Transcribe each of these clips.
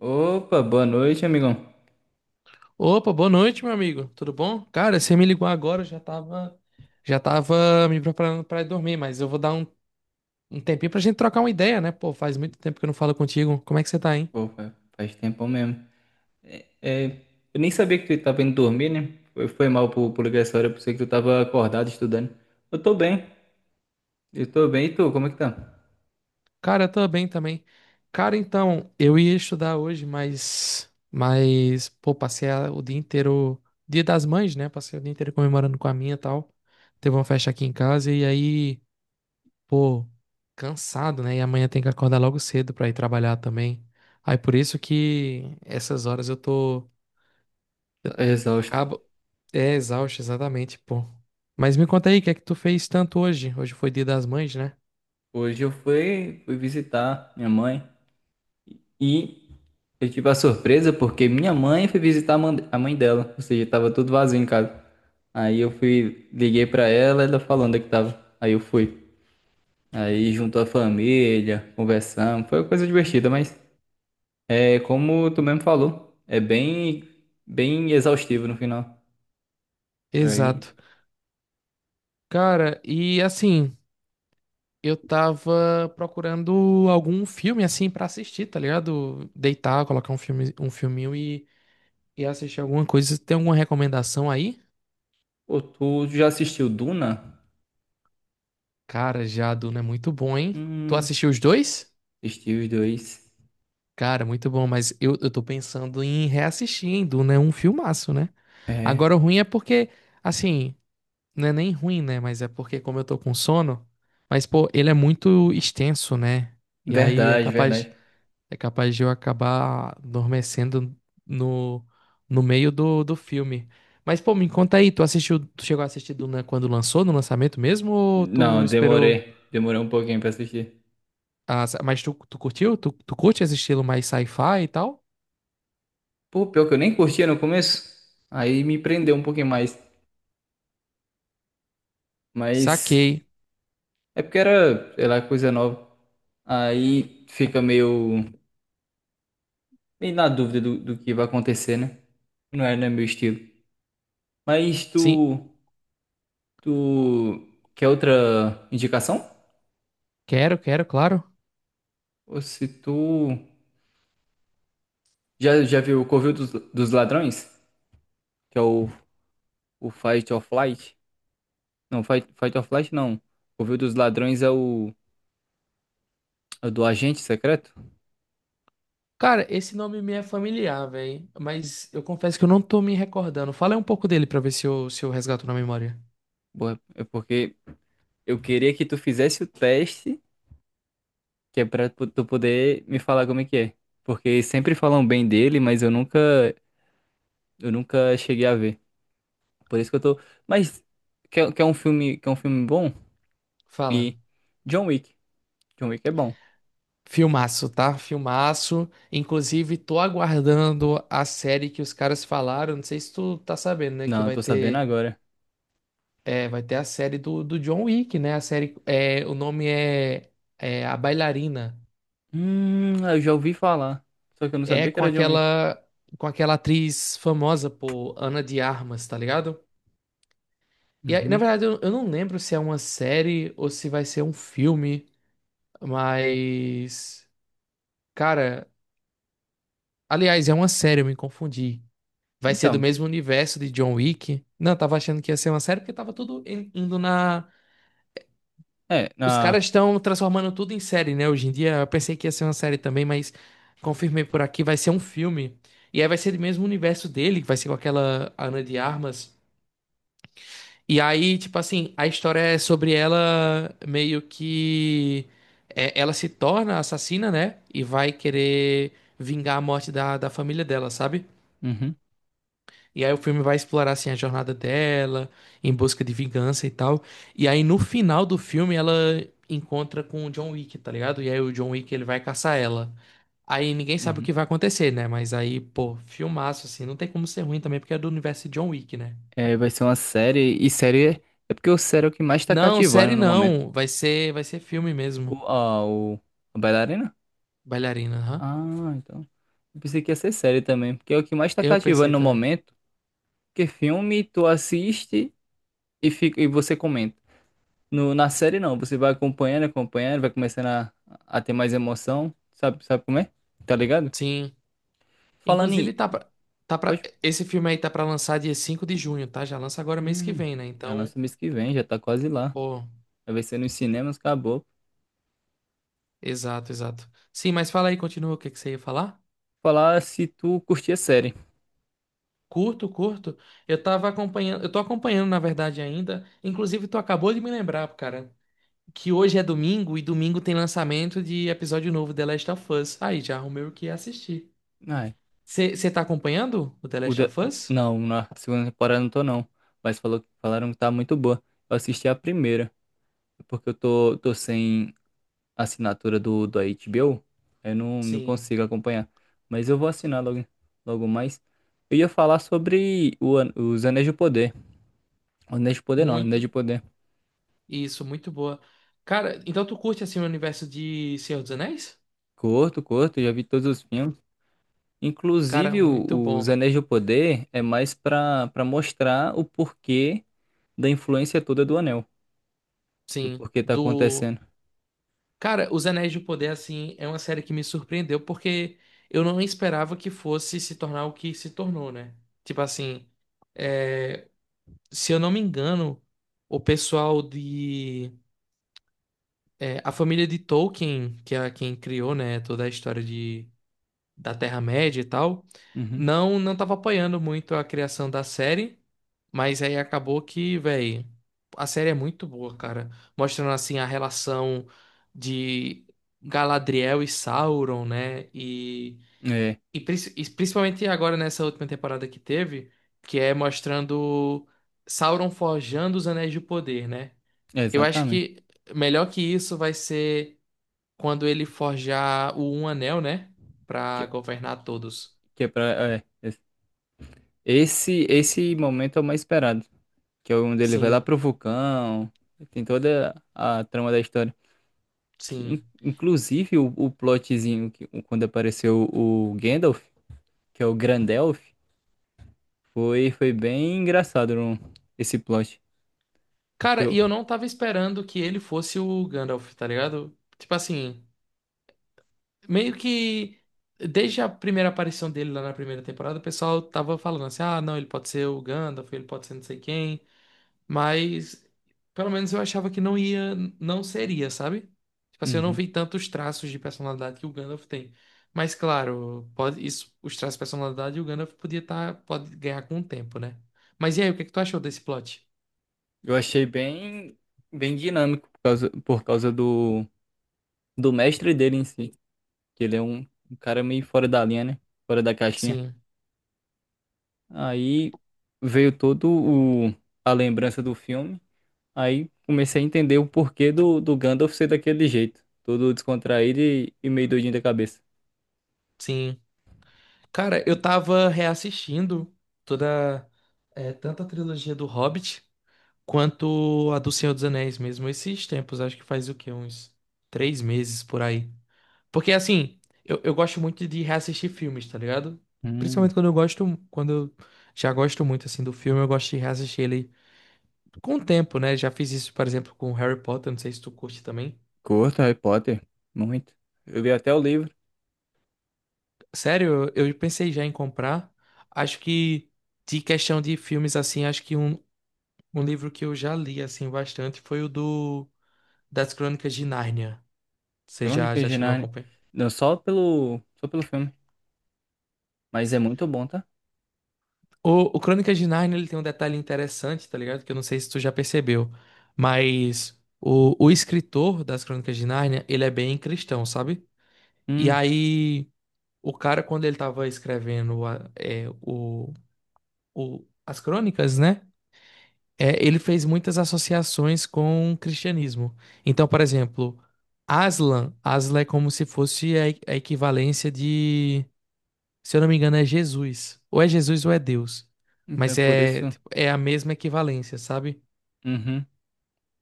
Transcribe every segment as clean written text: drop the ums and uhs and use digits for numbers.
Opa, boa noite, amigão. Opa, boa noite, meu amigo. Tudo bom? Cara, você me ligou agora, eu já tava me preparando pra ir dormir, mas eu vou dar um tempinho pra gente trocar uma ideia, né? Pô, faz muito tempo que eu não falo contigo. Como é que você tá, hein? Pô, faz tempo mesmo. É, é, eu nem sabia que tu tava indo dormir, né? Foi mal por ligar essa hora, eu pensei que tu tava acordado estudando. Eu tô bem, eu tô bem. E tu, como é que tá? Cara, eu tô bem também. Cara, então, eu ia estudar hoje, mas, pô, passei o dia inteiro, Dia das Mães, né? Passei o dia inteiro comemorando com a minha e tal. Teve uma festa aqui em casa e aí pô, cansado, né? E amanhã tem que acordar logo cedo pra ir trabalhar também. Aí por isso que essas horas eu tô. Eu Tá exausto. acabo. É exausto, exatamente, pô. Mas me conta aí, o que é que tu fez tanto hoje? Hoje foi Dia das Mães, né? Hoje eu fui visitar minha mãe e eu tive a surpresa porque minha mãe foi visitar a mãe dela, ou seja, tava tudo vazio em casa. Aí eu fui, liguei pra ela, ela falando onde é que tava. Aí eu fui. Aí juntou a família, conversamos, foi uma coisa divertida, mas é como tu mesmo falou, bem exaustivo no final. Aí, Exato. Cara, e assim, eu tava procurando algum filme assim pra assistir, tá ligado? Deitar, colocar um filme, um filminho e assistir alguma coisa. Tem alguma recomendação aí? pô, tu já assistiu Duna? Cara, já Jaduna é muito bom, hein? Tu Hum, assistiu os dois? assisti os dois. Cara, muito bom, mas eu tô pensando em reassistir, hein, Duna é um filmaço, né? Agora É, o ruim é porque, assim, não é nem ruim, né? Mas é porque como eu tô com sono, mas pô, ele é muito extenso, né? E aí é verdade, capaz, verdade. é capaz de eu acabar adormecendo no, no meio do filme. Mas pô, me conta aí, tu assistiu, tu chegou a assistir Duna quando lançou, no lançamento mesmo, ou tu Não, esperou? Demorei um pouquinho pra assistir. Ah, mas tu curtiu? Tu curte esse estilo mais sci-fi e tal? Pô, pior que eu nem curtia no começo, aí me prendeu um pouquinho mais, mas Saquei. é porque era, sei lá, coisa nova. Aí fica meio na dúvida do que vai acontecer, né? Não é meu estilo. Mas Sim. Tu quer outra indicação? Quero, quero, claro. Ou se tu já viu o Covil dos Ladrões, que é o Fight or Flight? Não, Fight or Flight não. Covil dos Ladrões é é o do agente secreto? Cara, esse nome me é familiar, velho. Mas eu confesso que eu não tô me recordando. Fala aí um pouco dele pra ver se eu, resgato na memória. Boa. É porque eu queria que tu fizesse o teste, que é pra tu poder me falar como é que é. Porque sempre falam bem dele, mas eu nunca cheguei a ver. Por isso que eu tô. Mas quer um filme bom? Fala. E John Wick. John Wick é bom. Filmaço, tá? Filmaço. Inclusive, tô aguardando a série que os caras falaram. Não sei se tu tá sabendo, né? Que Não, eu vai tô sabendo ter, agora. Vai ter a série do John Wick, né? A série. É, o nome é, é A Bailarina. Eu já ouvi falar. Só que eu não É sabia que com era John Wick. aquela, com aquela atriz famosa, pô, Ana de Armas, tá ligado? E aí, na Uhum. verdade, eu não lembro se é uma série ou se vai ser um filme, mas. Cara, aliás, é uma série, eu me confundi. Vai ser do Então, mesmo universo de John Wick. Não, eu tava achando que ia ser uma série porque tava tudo indo na. é, Os na. caras estão transformando tudo em série, né? Hoje em dia, eu pensei que ia ser uma série também, mas confirmei por aqui, vai ser um filme. E aí vai ser do mesmo universo dele, que vai ser com aquela Ana de Armas. E aí, tipo assim, a história é sobre ela meio que. Ela se torna assassina, né? E vai querer vingar a morte da família dela, sabe? Uhum, E aí o filme vai explorar, assim, a jornada dela, em busca de vingança e tal. E aí no final do filme ela encontra com o John Wick, tá ligado? E aí o John Wick ele vai caçar ela. Aí ninguém sabe o uhum. que vai acontecer, né? Mas aí, pô, filmaço, assim, não tem como ser ruim também, porque é do universo de John Wick, né? É, vai ser uma série. E série é porque o série é o que mais tá Não, cativando série no momento. não. Vai ser filme O, mesmo. a, o, a bailarina? Bailarina, aham. Ah, então. Eu pensei que ia ser série também. Porque é o que mais tá Eu cativando pensei no também. momento. Porque filme tu assiste e, fica, e você comenta. No, na série não, você vai acompanhando, acompanhando, vai começando a ter mais emoção, sabe como é? Tá ligado? Sim. Falando em, Inclusive, pode, esse filme aí tá pra lançar dia 5 de junho, tá? Já lança agora mês que hum, vem, né? já Então, lança mês que vem, já tá quase lá. pô, Vai ser nos cinemas, acabou. exato, exato. Sim, mas fala aí, continua o que que você ia falar? Falar se tu curtia a série. Curto, curto. Eu tava acompanhando, eu tô acompanhando, na verdade, ainda. Inclusive, tu acabou de me lembrar, cara, que hoje é domingo e domingo tem lançamento de episódio novo de The Last of Us. Aí, já arrumei o que assistir. Ai, Você tá acompanhando o The o Last da- of Us? não, na segunda temporada não tô não, mas falaram que tá muito boa. Eu assisti a primeira, porque eu tô sem assinatura do HBO, eu não, não Sim, consigo acompanhar. Mas eu vou assinar logo, logo mais. Eu ia falar sobre os Anéis de Poder. Anéis de Poder não, Anéis de muito. Poder. Isso, muito boa. Cara, então tu curte assim o universo de Senhor dos Anéis? Curto, curto, já vi todos os filmes. Cara, Inclusive, muito os bom. Anéis de Poder é mais pra mostrar o porquê da influência toda do Anel. E o Sim, porquê tá do. acontecendo. Cara, Os Anéis do Poder, assim, é uma série que me surpreendeu porque eu não esperava que fosse se tornar o que se tornou, né? Tipo assim, se eu não me engano, o pessoal de. A família de Tolkien, que é quem criou, né, toda a história de da Terra-média e tal, Uhum. não tava apoiando muito a criação da série, mas aí acabou que, velho, a série é muito boa, cara, mostrando assim a relação de Galadriel e Sauron, né? E, É, e, princ- e principalmente agora nessa última temporada que teve, que é mostrando Sauron forjando os Anéis de Poder, né? é Eu acho exatamente. que melhor que isso vai ser quando ele forjar o Um Anel, né? Pra Que, governar todos. que é pra, é, esse momento é o mais esperado. Que é onde ele vai lá Sim, pro vulcão, tem toda a trama da história. Que, sim. Inclusive o plotzinho que, quando apareceu o Gandalf, que é o Grandelf, foi bem engraçado esse plot. Porque Cara, e eu, eu não tava esperando que ele fosse o Gandalf, tá ligado? Tipo assim, meio que desde a primeira aparição dele lá na primeira temporada, o pessoal tava falando assim: ah, não, ele pode ser o Gandalf, ele pode ser não sei quem, mas pelo menos eu achava que não ia, não seria, sabe? Tipo assim, eu não uhum, vi tantos traços de personalidade que o Gandalf tem. Mas claro, pode, isso, os traços de personalidade o Gandalf podia tá, pode ganhar com o tempo, né? Mas e aí, o que é que tu achou desse plot? eu achei bem dinâmico por causa do mestre dele em si. Que ele é um cara meio fora da linha, né? Fora da caixinha. Sim, Aí veio todo o, a lembrança do filme. Aí comecei a entender o porquê do Gandalf ser daquele jeito. Todo descontraído e meio doidinho da cabeça. sim. Cara, eu tava reassistindo toda, tanto a trilogia do Hobbit quanto a do Senhor dos Anéis mesmo, esses tempos, acho que faz o quê? Uns 3 meses por aí. Porque assim, eu gosto muito de reassistir filmes, tá ligado? Hum, Principalmente quando eu gosto, quando eu já gosto muito assim do filme, eu gosto de reassistir ele com o tempo, né? Já fiz isso, por exemplo, com Harry Potter, não sei se tu curte também. Curto Harry Potter, muito. Eu li até o livro, Sério, eu pensei já em comprar. Acho que de questão de filmes assim, acho que um livro que eu já li, assim, bastante foi o do... Das Crônicas de Nárnia. Você já, Crônicas já de chegou a Nárnia. acompanhar? Não, só só pelo filme. Mas é muito bom, tá? O Crônicas de Nárnia, ele tem um detalhe interessante, tá ligado? Que eu não sei se tu já percebeu, mas o escritor das Crônicas de Nárnia, ele é bem cristão, sabe? E Hum, aí, o cara, quando ele tava escrevendo as crônicas, né? Ele fez muitas associações com o cristianismo. Então, por exemplo, Aslan, Aslan é como se fosse a, equivalência de, se eu não me engano, é Jesus. Ou é Jesus ou é Deus. então é Mas por é, isso. tipo, é a mesma equivalência, sabe? Uhum.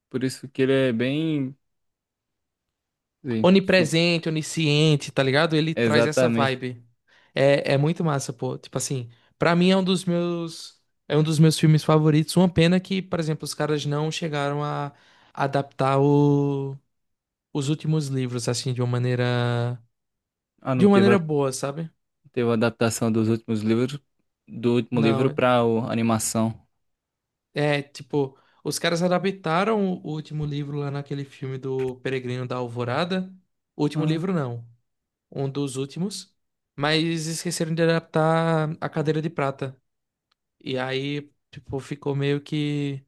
Por isso que ele é bem. Sim, su- Onipresente, onisciente, tá ligado? Ele traz essa exatamente. vibe. É, é muito massa, pô. Tipo assim, pra mim é um dos meus filmes favoritos. Uma pena que, por exemplo, os caras não chegaram a adaptar o os últimos livros, assim, de uma maneira. Ah, De não, uma teve a, maneira boa, sabe? teve a adaptação dos últimos livros, do último livro Não. pra animação. É, tipo, os caras adaptaram o último livro lá naquele filme do Peregrino da Alvorada. O último Ah, livro, não. Um dos últimos. Mas esqueceram de adaptar a Cadeira de Prata. E aí, tipo, ficou meio que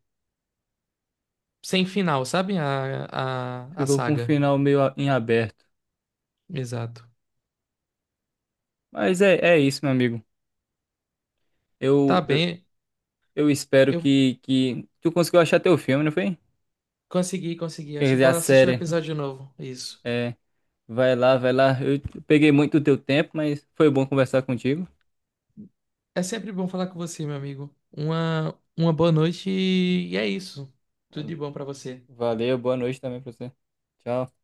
sem final, sabe? A ficou com um saga. final meio a- em aberto. Exato. Mas é, é isso, meu amigo. Tá Eu, eu, bem. eu espero Eu que tu conseguiu achar teu filme, não foi? consegui, consegui. Quer Acho que dizer, vou a assistir o série. episódio novo. Isso. É, vai lá. Eu peguei muito do teu tempo, mas foi bom conversar contigo. É sempre bom falar com você, meu amigo. Uma boa noite e é isso. Tudo de bom pra você. Valeu, boa noite também pra você. Tchau.